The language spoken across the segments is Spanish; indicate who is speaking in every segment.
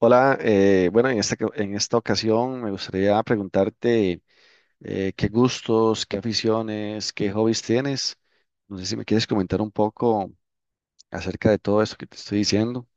Speaker 1: Hola, bueno, en esta ocasión me gustaría preguntarte qué gustos, qué aficiones, qué hobbies tienes. No sé si me quieres comentar un poco acerca de todo esto que te estoy diciendo.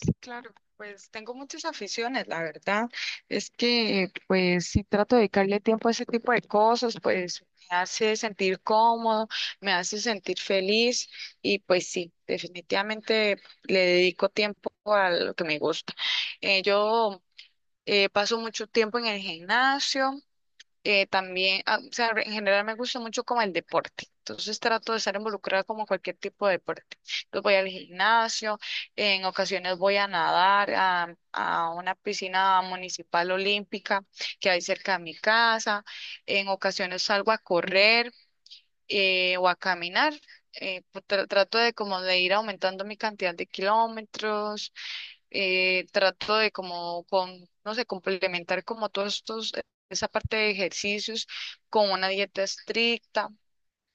Speaker 2: Sí, claro, pues tengo muchas aficiones, la verdad. Es que pues si trato de dedicarle tiempo a ese tipo de cosas, pues me hace sentir cómodo, me hace sentir feliz y pues sí, definitivamente le dedico tiempo a lo que me gusta. Yo paso mucho tiempo en el gimnasio, también, o sea, en general me gusta mucho como el deporte. Entonces trato de estar involucrada como cualquier tipo de deporte. Entonces voy al gimnasio, en ocasiones voy a nadar a una piscina municipal olímpica que hay cerca de mi casa, en ocasiones salgo a correr o a caminar. Pues, trato de como de ir aumentando mi cantidad de kilómetros, trato de como con, no sé, complementar como todos estos, esa parte de ejercicios con una dieta estricta.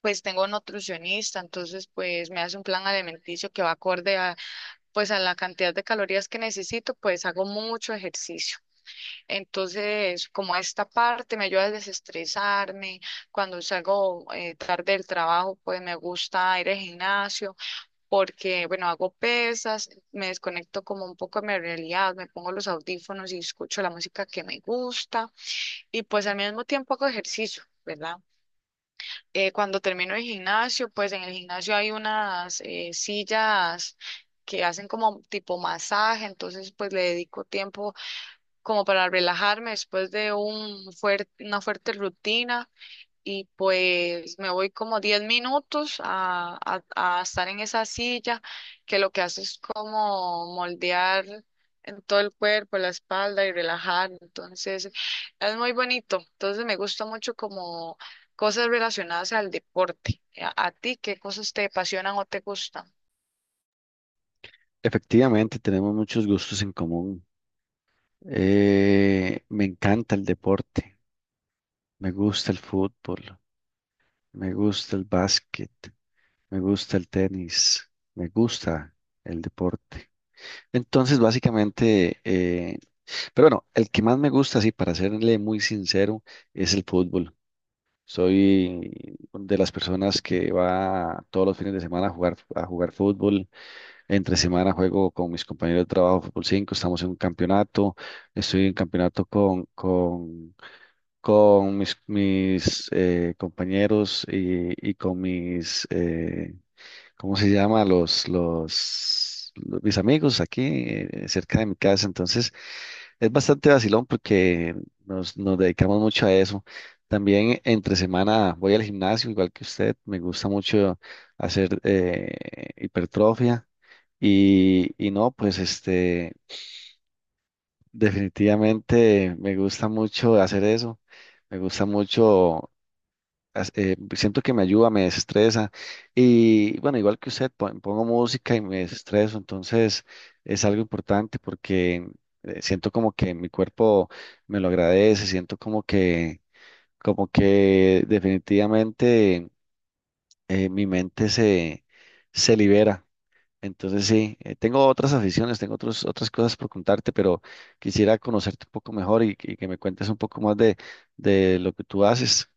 Speaker 2: Pues tengo nutricionista, entonces pues me hace un plan alimenticio que va acorde a pues a la cantidad de calorías que necesito, pues hago mucho ejercicio. Entonces, como esta parte me ayuda a desestresarme, cuando salgo tarde del trabajo, pues me gusta ir al gimnasio porque, bueno, hago pesas, me desconecto como un poco de mi realidad, me pongo los audífonos y escucho la música que me gusta y pues al mismo tiempo hago ejercicio, ¿verdad? Cuando termino el gimnasio, pues en el gimnasio hay unas sillas que hacen como tipo masaje, entonces pues le dedico tiempo como para relajarme después de un fuerte, una fuerte rutina y pues me voy como 10 minutos a estar en esa silla que lo que hace es como moldear en todo el cuerpo, la espalda y relajar. Entonces es muy bonito. Entonces me gusta mucho como cosas relacionadas al deporte. ¿A ti qué cosas te apasionan o te gustan?
Speaker 1: Efectivamente, tenemos muchos gustos en común. Me encanta el deporte, me gusta el fútbol, me gusta el básquet, me gusta el tenis, me gusta el deporte. Entonces, básicamente, pero bueno, el que más me gusta, sí, para serle muy sincero, es el fútbol. Soy de las personas que va todos los fines de semana a jugar fútbol. Entre semana juego con mis compañeros de trabajo fútbol 5. Estamos en un campeonato. Estoy en campeonato con mis compañeros y con mis, ¿cómo se llama? Mis amigos aquí, cerca de mi casa. Entonces es bastante vacilón porque nos dedicamos mucho a eso. También entre semana voy al gimnasio, igual que usted. Me gusta mucho hacer hipertrofia y no, pues este, definitivamente me gusta mucho hacer eso. Me gusta mucho siento que me ayuda, me desestresa. Y bueno, igual que usted, pongo música y me desestreso, entonces es algo importante porque, siento como que mi cuerpo me lo agradece, siento como que definitivamente, mi mente se libera. Entonces sí, tengo otras aficiones, tengo otras cosas por contarte, pero quisiera conocerte un poco mejor y que me cuentes un poco más de lo que tú haces.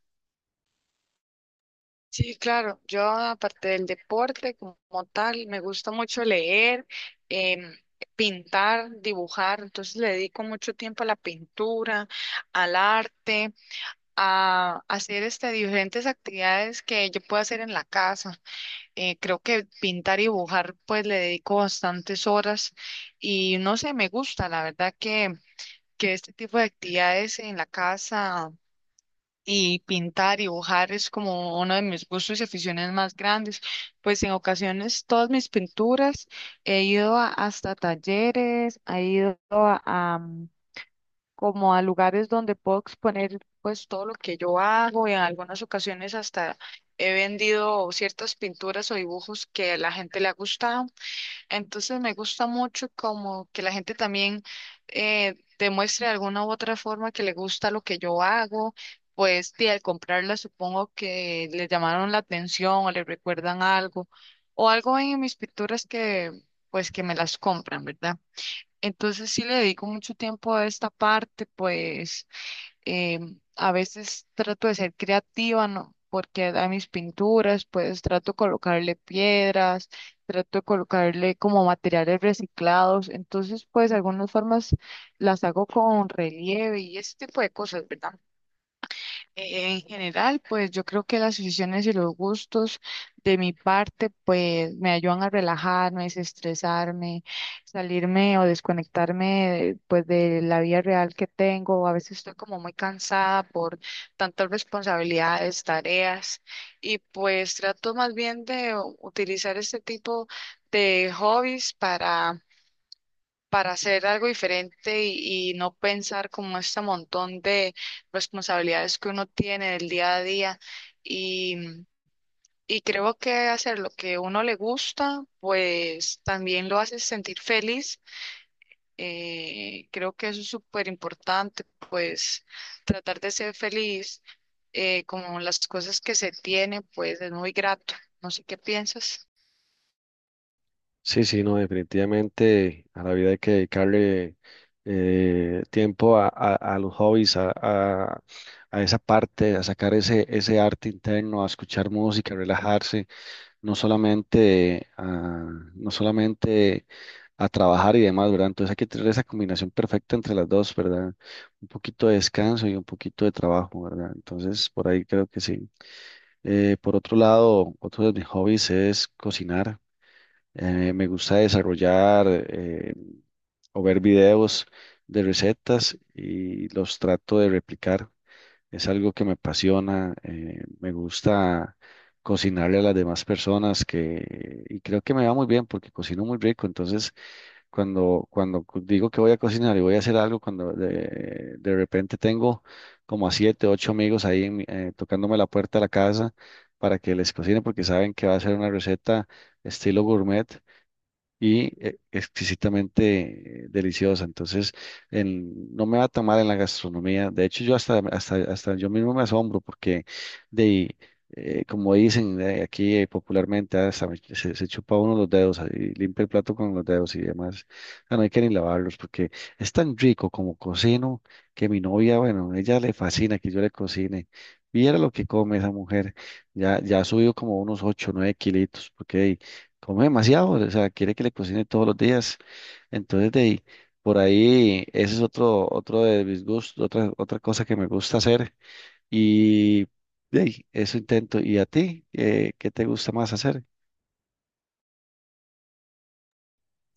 Speaker 2: Sí, claro. Yo, aparte del deporte como tal, me gusta mucho leer, em, pintar, dibujar. Entonces le dedico mucho tiempo a la pintura, al arte, a hacer diferentes actividades que yo puedo hacer en la casa. Creo que pintar y dibujar, pues le dedico bastantes horas y no sé, me gusta. La verdad que este tipo de actividades en la casa y pintar y dibujar es como uno de mis gustos y aficiones más grandes. Pues en ocasiones todas mis pinturas hasta talleres, he ido a como a lugares donde puedo exponer pues todo lo que yo hago y en algunas ocasiones hasta he vendido ciertas pinturas o dibujos que a la gente le ha gustado. Entonces me gusta mucho como que la gente también demuestre de alguna u otra forma que le gusta lo que yo hago, pues y al comprarla supongo que le llamaron la atención o le recuerdan algo o algo en mis pinturas que pues que me las compran, ¿verdad? Entonces sí le dedico mucho tiempo a esta parte, pues eh, a veces trato de ser creativa, ¿no? Porque a mis pinturas, pues trato de colocarle piedras, trato de colocarle como materiales reciclados. Entonces, pues algunas formas las hago con relieve y ese tipo de cosas, ¿verdad? En general, pues yo creo que las aficiones y los gustos de mi parte, pues me ayudan a relajarme, desestresarme, salirme o desconectarme pues de la vida real que tengo. A veces estoy como muy cansada por tantas responsabilidades, tareas y pues trato más bien de utilizar este tipo de hobbies para hacer algo diferente y no pensar como este montón de responsabilidades que uno tiene del día a día. Y, y creo que hacer lo que uno le gusta, pues también lo hace sentir feliz. Creo que eso es súper importante, pues tratar de ser feliz con las cosas que se tiene, pues es muy grato. No sé qué piensas.
Speaker 1: Sí, sí, no, definitivamente a la vida hay que dedicarle tiempo a los hobbies, a esa parte, a sacar ese arte interno, a escuchar música, a relajarse, no solamente a, no solamente a trabajar y demás, ¿verdad? Entonces hay que tener esa combinación perfecta entre las dos, ¿verdad? Un poquito de descanso y un poquito de trabajo, ¿verdad? Entonces, por ahí creo que sí. Por otro lado, otro de mis hobbies es cocinar. Me gusta desarrollar, o ver videos de recetas y los trato de replicar. Es algo que me apasiona. Me gusta cocinarle a las demás personas que, y creo que me va muy bien porque cocino muy rico. Entonces, digo que voy a cocinar y voy a hacer algo, cuando de repente tengo como a siete, ocho amigos ahí tocándome la puerta de la casa para que les cocine porque saben que va a ser una receta estilo gourmet y, exquisitamente, deliciosa. Entonces, no me va a tomar en la gastronomía. De hecho, yo hasta yo mismo me asombro porque, de, como dicen, aquí, popularmente, hasta se chupa uno los dedos, y limpia el plato con los dedos y demás. O no hay que ni lavarlos porque es tan rico como cocino que mi novia, bueno, ella le fascina que yo le cocine. Viera lo que come esa mujer. Ya, ya ha subido como unos 8 o 9 kilitos, porque come demasiado, o sea, quiere que le cocine todos los días. Entonces, de ahí, por ahí, ese es otro de mis gustos, otra cosa que me gusta hacer. Y de ahí, eso intento. ¿Y a ti? ¿Qué te gusta más hacer?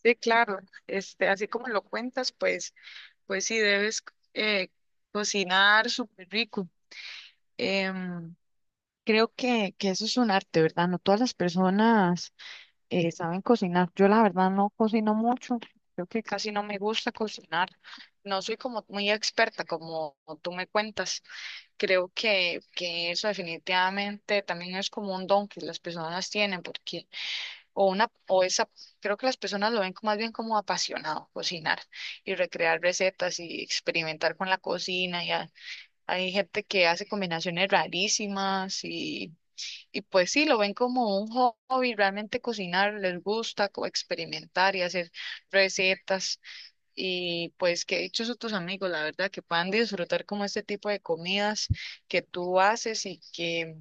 Speaker 2: Sí, claro, así como lo cuentas, pues sí, debes eh, cocinar súper rico. Em, Creo que eso es un arte, ¿verdad? No todas las personas saben cocinar. Yo la verdad no cocino mucho. Creo que casi no me gusta cocinar. No soy como muy experta, como tú me cuentas. Creo que eso definitivamente también es como un don que las personas tienen, porque o una, o esa, creo que las personas lo ven más bien como apasionado, cocinar y recrear recetas y experimentar con la cocina. Y hay gente que hace combinaciones rarísimas y pues sí, lo ven como un hobby, realmente cocinar les gusta, como experimentar y hacer recetas. Y pues que dichosos tus amigos, la verdad, que puedan disfrutar como este tipo de comidas que tú haces y que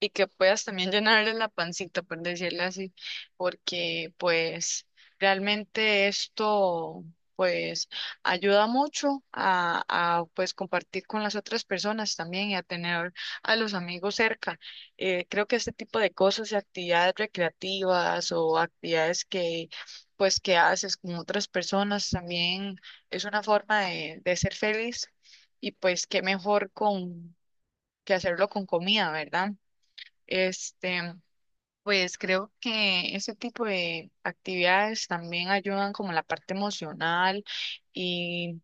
Speaker 2: y que puedas también llenarle la pancita, por decirlo así, porque pues realmente esto pues ayuda mucho a pues compartir con las otras personas también y a tener a los amigos cerca. Creo que este tipo de cosas y actividades recreativas o actividades que pues que haces con otras personas también es una forma de ser feliz y pues qué mejor con que hacerlo con comida, ¿verdad? Este, pues creo que ese tipo de actividades también ayudan como la parte emocional y,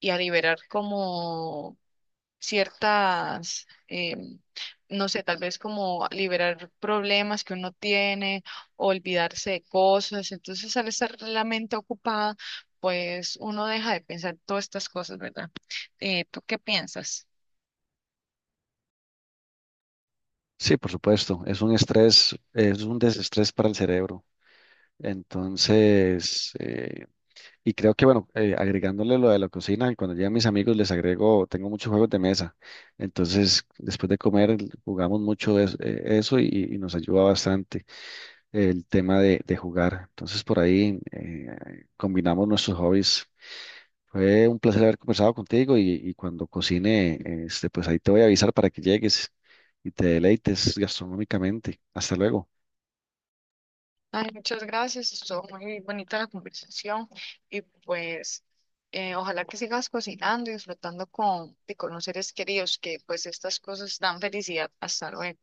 Speaker 2: y a liberar como ciertas, em, no sé, tal vez como liberar problemas que uno tiene, olvidarse de cosas. Entonces, al estar la mente ocupada, pues uno deja de pensar todas estas cosas, ¿verdad? ¿Tú qué piensas?
Speaker 1: Sí, por supuesto, es un estrés, es un desestrés para el cerebro. Entonces, y creo que, bueno, agregándole lo de la cocina, cuando llegan mis amigos les agrego, tengo muchos juegos de mesa. Entonces, después de comer, jugamos mucho de eso, eso, y nos ayuda bastante el tema de jugar. Entonces, por ahí, combinamos nuestros hobbies. Fue un placer haber conversado contigo y cuando cocine, este, pues ahí te voy a avisar para que llegues y te deleites gastronómicamente. Hasta luego.
Speaker 2: Ay, muchas gracias, estuvo muy bonita la conversación y pues ojalá que sigas cocinando y disfrutando con los seres queridos, que pues estas cosas dan felicidad. Hasta luego.